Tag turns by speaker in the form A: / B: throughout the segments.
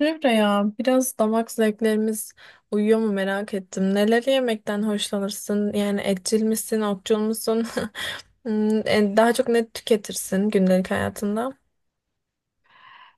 A: Emre ya biraz damak zevklerimiz uyuyor mu merak ettim. Neleri yemekten hoşlanırsın? Yani etçil misin, otçul musun? Daha çok ne tüketirsin gündelik hayatında?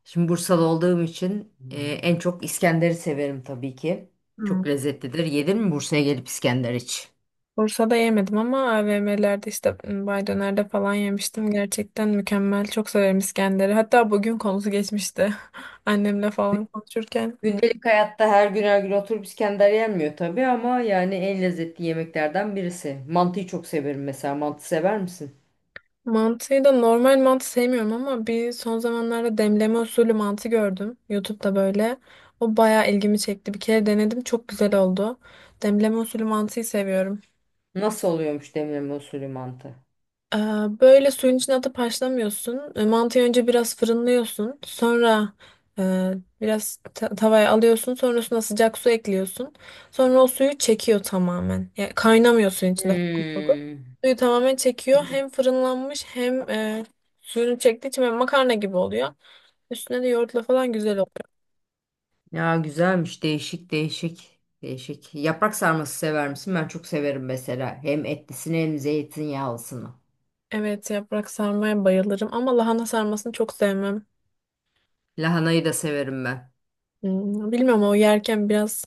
B: Şimdi Bursalı olduğum için en çok İskender'i severim tabii ki.
A: Hmm.
B: Çok lezzetlidir. Yedin mi Bursa'ya gelip İskender iç?
A: Bursa'da yemedim ama AVM'lerde Bay Döner'de falan yemiştim. Gerçekten mükemmel. Çok severim İskender'i. Hatta bugün konusu geçmişti. Annemle falan konuşurken.
B: Gündelik hayatta her gün her gün oturup İskender yenmiyor tabii ama yani en lezzetli yemeklerden birisi. Mantıyı çok severim mesela. Mantı sever misin?
A: Mantıyı da normal mantı sevmiyorum ama son zamanlarda demleme usulü mantı gördüm. YouTube'da böyle. O bayağı ilgimi çekti. Bir kere denedim. Çok güzel oldu. Demleme usulü mantıyı seviyorum.
B: Nasıl oluyormuş demleme usulü mantı?
A: Ee, Böyle suyun içine atıp haşlamıyorsun. Mantıyı önce biraz fırınlıyorsun. Sonra e, biraz tavaya alıyorsun. Sonrasında sıcak su ekliyorsun. Sonra o suyu çekiyor tamamen. Yani kaynamıyor suyun içinde, fokur fokur.
B: Hmm.
A: Suyu tamamen çekiyor. Hem fırınlanmış hem suyunu çektiği için böyle makarna gibi oluyor. Üstüne de yoğurtla falan güzel oluyor.
B: Ya güzelmiş. Değişik değişik. Değişik. Yaprak sarması sever misin? Ben çok severim mesela. Hem etlisini hem zeytinyağlısını.
A: Evet, yaprak sarmaya bayılırım ama lahana sarmasını çok sevmem.
B: Lahanayı da severim ben.
A: Bilmiyorum, o yerken biraz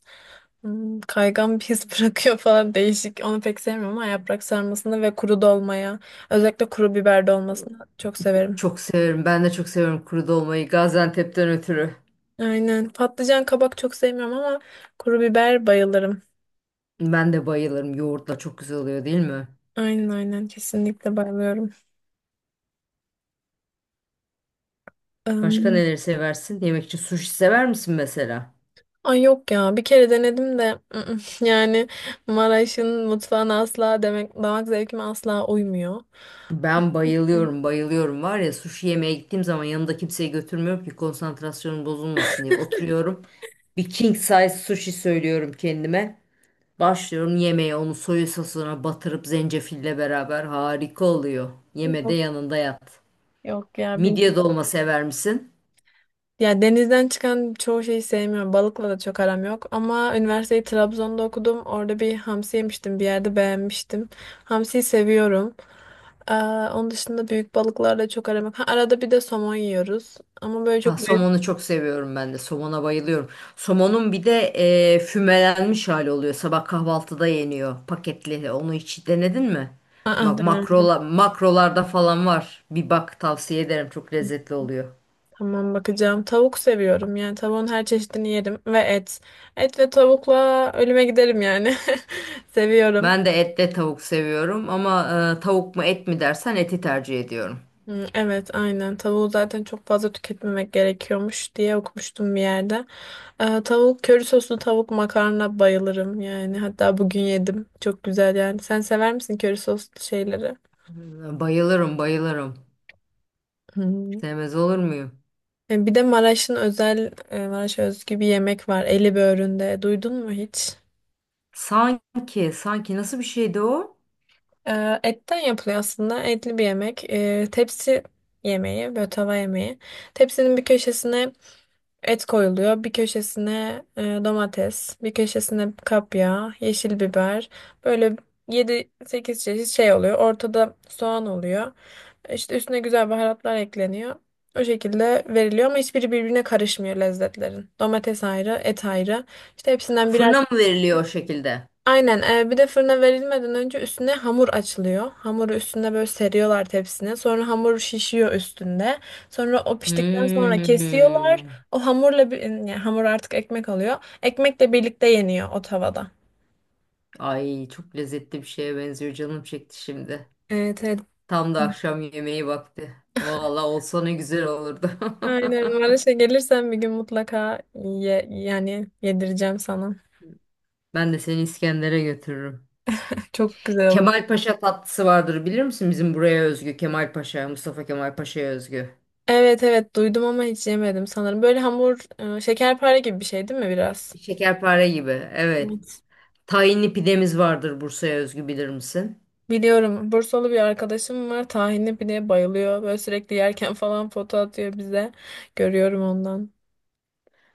A: Kaygan bir his bırakıyor falan, değişik. Onu pek sevmiyorum ama yaprak sarmasını ve kuru dolmaya, özellikle kuru biber dolmasını çok severim.
B: Çok severim. Ben de çok seviyorum kuru dolmayı. Gaziantep'ten ötürü.
A: Aynen. Patlıcan, kabak çok sevmiyorum ama kuru biber bayılırım.
B: Ben de bayılırım. Yoğurtla çok güzel oluyor değil mi?
A: Aynen, kesinlikle bayılıyorum.
B: Başka
A: Im,
B: neleri seversin? Yemek için sushi sever misin mesela?
A: ay, yok ya, bir kere denedim de yani Maraş'ın mutfağına asla, demek damak zevkime asla uymuyor.
B: Ben
A: İşte,
B: bayılıyorum, bayılıyorum. Var ya sushi yemeye gittiğim zaman yanımda kimseyi götürmüyorum ki konsantrasyonum bozulmasın diye. Oturuyorum. Bir king size sushi söylüyorum kendime. Başlıyorum yemeğe onu soya sosuna batırıp zencefille beraber harika oluyor. Yemede
A: Yok,
B: yanında yat.
A: yok, ya
B: Midye dolma sever misin?
A: ya, denizden çıkan çoğu şeyi sevmiyorum. Balıkla da çok aram yok. Ama üniversiteyi Trabzon'da okudum. Orada bir hamsi yemiştim. Bir yerde beğenmiştim. Hamsiyi seviyorum. Ee, onun dışında büyük balıklarla çok aram yok. Ha, arada bir de somon yiyoruz. Ama böyle
B: Ha,
A: çok...
B: somonu çok seviyorum ben de. Somona bayılıyorum. Somonun bir de fümelenmiş hali oluyor. Sabah kahvaltıda yeniyor paketli. Onu hiç denedin mi?
A: Aa,
B: Bak
A: denemedim.
B: makrola, makrolarda falan var. Bir bak tavsiye ederim. Çok lezzetli oluyor.
A: Tamam, bakacağım. Tavuk seviyorum. Yani tavuğun her çeşidini yerim. Ve et. Et ve tavukla ölüme giderim yani. Seviyorum.
B: Ben de etle tavuk seviyorum ama tavuk mu et mi dersen eti tercih ediyorum.
A: Hı, evet, aynen. Tavuğu zaten çok fazla tüketmemek gerekiyormuş diye okumuştum bir yerde. Tavuk, köri soslu tavuk makarna bayılırım yani. Hatta bugün yedim. Çok güzel yani. Sen sever misin köri soslu şeyleri?
B: Hmm, bayılırım, bayılırım.
A: Hı.
B: Sevmez olur muyum?
A: Bir de Maraş'ın özel, Maraş'a özgü bir yemek var. Eli böğründe. Duydun mu hiç?
B: Sanki, sanki nasıl bir şeydi o?
A: Etten yapılıyor aslında. Etli bir yemek. Tepsi yemeği, böyle tava yemeği. Tepsinin bir köşesine et koyuluyor. Bir köşesine domates, bir köşesine kapya, yeşil biber. Böyle yedi sekiz çeşit şey oluyor. Ortada soğan oluyor. İşte üstüne güzel baharatlar ekleniyor. O şekilde veriliyor ama hiçbiri birbirine karışmıyor lezzetlerin. Domates ayrı, et ayrı. İşte hepsinden birer.
B: Fırına mı veriliyor o şekilde?
A: Aynen. Bir de fırına verilmeden önce üstüne hamur açılıyor. Hamuru üstüne böyle seriyorlar tepsine. Sonra hamur şişiyor üstünde. Sonra o piştikten sonra kesiyorlar.
B: Hmm.
A: O hamurla bir, yani hamur artık ekmek oluyor. Ekmekle birlikte yeniyor o tavada.
B: Ay çok lezzetli bir şeye benziyor. Canım çekti şimdi.
A: Evet, evet.
B: Tam da akşam yemeği vakti. Vallahi olsa ne güzel olurdu.
A: Aynen. Maraş'a gelirsen bir gün mutlaka ye, yani yedireceğim sana.
B: Ben de seni İskender'e götürürüm.
A: Çok güzel olur.
B: Kemalpaşa tatlısı vardır bilir misin? Bizim buraya özgü. Kemalpaşa, Mustafa Kemalpaşa'ya özgü.
A: Evet, evet, duydum ama hiç yemedim sanırım. Böyle hamur, şekerpare gibi bir şey değil mi biraz?
B: Şekerpare gibi. Evet.
A: Evet.
B: Tahinli pidemiz vardır Bursa'ya özgü bilir misin?
A: Biliyorum. Bursalı bir arkadaşım var. Tahinli pideye bayılıyor. Böyle sürekli yerken falan foto atıyor bize. Görüyorum ondan.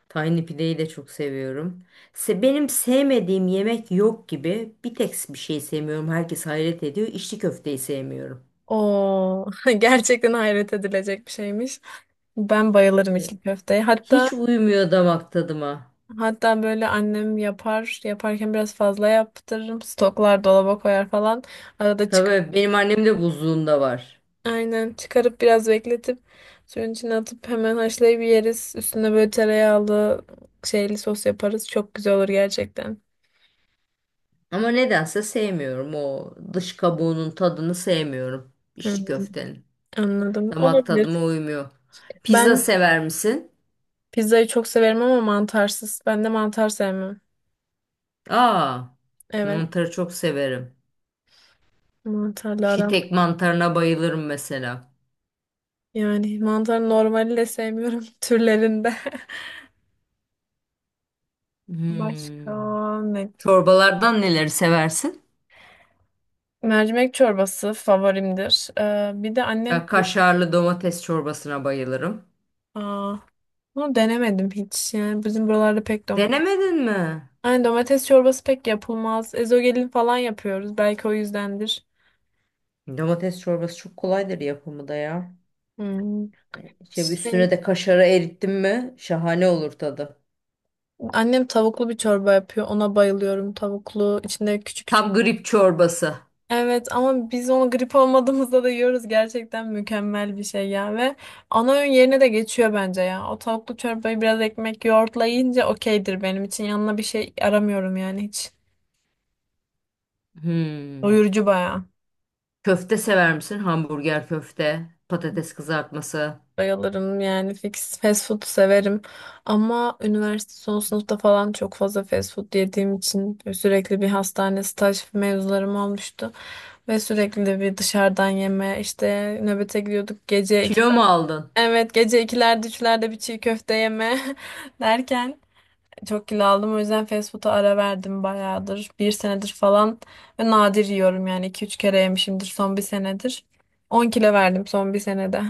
B: Tahinli pideyi de çok seviyorum. Se benim sevmediğim yemek yok gibi. Bir tek bir şey sevmiyorum. Herkes hayret ediyor. İçli köfteyi sevmiyorum.
A: Oo, gerçekten hayret edilecek bir şeymiş. Ben bayılırım
B: E,
A: içli köfteye. Hatta
B: Hiç uymuyor damak tadıma.
A: böyle annem yapar. Yaparken biraz fazla yaptırırım. Stoklar dolaba koyar falan. Arada
B: Tabii benim annem de buzluğunda var.
A: aynen çıkarıp biraz bekletip suyun içine atıp hemen haşlayıp yeriz. Üstüne böyle tereyağlı şeyli sos yaparız. Çok güzel olur gerçekten.
B: Ama nedense sevmiyorum o dış kabuğunun tadını sevmiyorum. İçli
A: Hı.
B: köftenin.
A: Anladım.
B: Damak
A: Olabilir.
B: tadıma uymuyor. Pizza
A: Ben
B: sever misin?
A: pizzayı çok severim ama mantarsız. Ben de mantar sevmem.
B: Aa,
A: Evet.
B: mantarı çok severim.
A: Mantarlı aram.
B: Şitek mantarına bayılırım mesela.
A: Yani mantar normali de sevmiyorum türlerinde.
B: Hmm.
A: Başka ne?
B: Çorbalardan neleri seversin?
A: Mercimek çorbası favorimdir. Bir de annem...
B: Ben kaşarlı domates çorbasına bayılırım.
A: Aa, bunu denemedim hiç. Yani bizim buralarda pek domates.
B: Denemedin mi?
A: Yani domates çorbası pek yapılmaz. Ezogelin falan yapıyoruz. Belki o yüzdendir.
B: Domates çorbası çok kolaydır yapımı da ya.
A: Hmm.
B: İşte üstüne
A: Şey,
B: de kaşarı erittim mi şahane olur tadı.
A: annem tavuklu bir çorba yapıyor. Ona bayılıyorum. Tavuklu, içinde küçük küçük.
B: Tam grip çorbası.
A: Evet ama biz onu grip olmadığımızda da yiyoruz. Gerçekten mükemmel bir şey ya, ve ana öğün yerine de geçiyor bence ya. O tavuklu çorbayı biraz ekmek yoğurtla yiyince okeydir benim için. Yanına bir şey aramıyorum yani hiç.
B: Hmm.
A: Doyurucu bayağı.
B: Köfte sever misin? Hamburger köfte, patates kızartması.
A: Bayılırım yani, fix fast food severim ama üniversite son sınıfta falan çok fazla fast food yediğim için sürekli bir hastane staj mevzularım olmuştu ve sürekli de bir dışarıdan yeme, işte nöbete gidiyorduk gece iki,
B: Kilo mu aldın?
A: evet gece ikilerde üçlerde bir çiğ köfte yeme derken çok kilo aldım, o yüzden fast food'a ara verdim bayağıdır, bir senedir falan, ve nadir yiyorum yani iki üç kere yemişimdir son bir senedir, 10 kilo verdim son bir senede.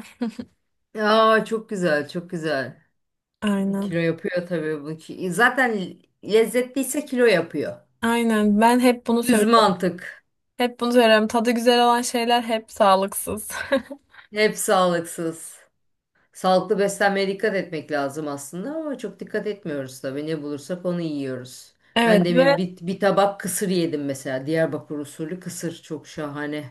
B: Aa çok güzel, çok güzel. Kilo
A: Aynen.
B: yapıyor tabii bu. Zaten lezzetliyse kilo yapıyor.
A: Aynen, ben hep bunu
B: Düz
A: söylüyorum.
B: mantık.
A: Hep bunu söylerim. Tadı güzel olan şeyler hep sağlıksız.
B: Hep sağlıksız. Sağlıklı beslenmeye dikkat etmek lazım aslında ama çok dikkat etmiyoruz tabii. Ne bulursak onu yiyoruz.
A: Evet,
B: Ben demin
A: ve
B: bir tabak kısır yedim mesela. Diyarbakır usulü kısır çok şahane.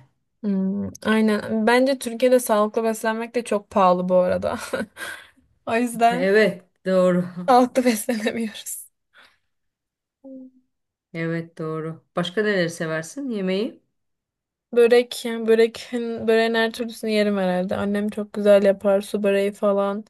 A: Aynen. Bence Türkiye'de sağlıklı beslenmek de çok pahalı bu arada. O yüzden
B: Evet, doğru.
A: sağlıklı beslenemiyoruz.
B: Evet, doğru. Başka neleri seversin yemeği?
A: Börek, yani böreğin her türlüsünü yerim herhalde. Annem çok güzel yapar, su böreği falan.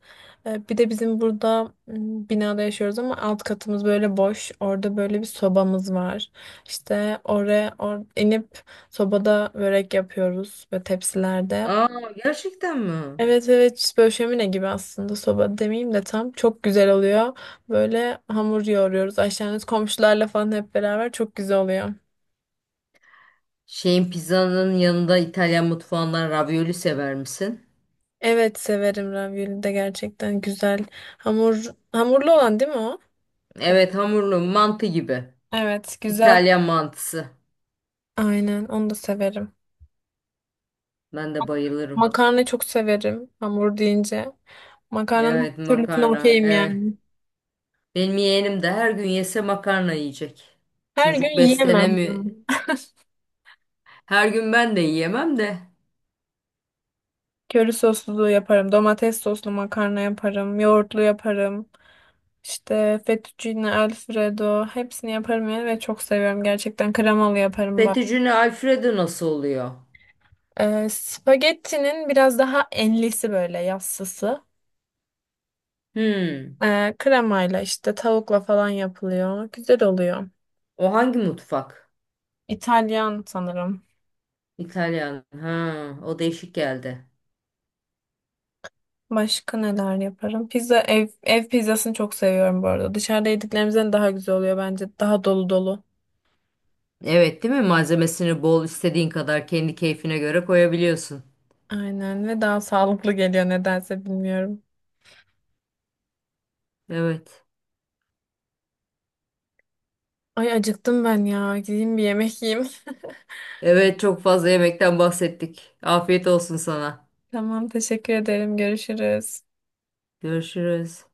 A: Bir de bizim burada binada yaşıyoruz ama alt katımız böyle boş. Orada böyle bir sobamız var. İşte oraya inip sobada börek yapıyoruz ve tepsilerde.
B: Aa, gerçekten mi?
A: Evet, evet, işte böyle şömine gibi aslında, soba demeyeyim de, tam çok güzel oluyor. Böyle hamur yoğuruyoruz aşağınız komşularla falan hep beraber, çok güzel oluyor.
B: Şeyin pizzanın yanında İtalyan mutfağından ravioli sever misin?
A: Evet, severim ravioli de, gerçekten güzel. Hamur hamurlu olan değil mi o?
B: Evet, hamurlu mantı gibi.
A: Evet güzel.
B: İtalyan mantısı.
A: Aynen onu da severim.
B: Ben de bayılırım.
A: Makarna çok severim hamur deyince. Makarnanın
B: Evet,
A: her türlüsüne
B: makarna.
A: okeyim
B: Evet.
A: yani.
B: Benim yeğenim de her gün yese makarna yiyecek.
A: Her
B: Çocuk
A: gün yiyemem
B: beslenemiyor.
A: yani.
B: Her gün ben de yiyemem de.
A: Köri soslu yaparım. Domates soslu makarna yaparım. Yoğurtlu yaparım. İşte fettuccine alfredo, hepsini yaparım yani ve çok seviyorum gerçekten, kremalı yaparım bak.
B: Fettuccine Alfredo nasıl oluyor?
A: Spagettinin biraz daha enlisi, böyle yassısı.
B: Hmm.
A: Kremayla işte tavukla falan yapılıyor. Güzel oluyor.
B: O hangi mutfak?
A: İtalyan sanırım.
B: İtalyan. Ha, o değişik geldi.
A: Başka neler yaparım? Pizza, ev pizzasını çok seviyorum bu arada. Dışarıda yediklerimizden daha güzel oluyor bence. Daha dolu dolu.
B: Evet, değil mi? Malzemesini bol istediğin kadar kendi keyfine göre koyabiliyorsun.
A: Aynen, ve daha sağlıklı geliyor nedense bilmiyorum.
B: Evet.
A: Ay acıktım ben ya. Gideyim bir yemek yiyeyim.
B: Evet, çok fazla yemekten bahsettik. Afiyet olsun sana.
A: Tamam, teşekkür ederim. Görüşürüz.
B: Görüşürüz.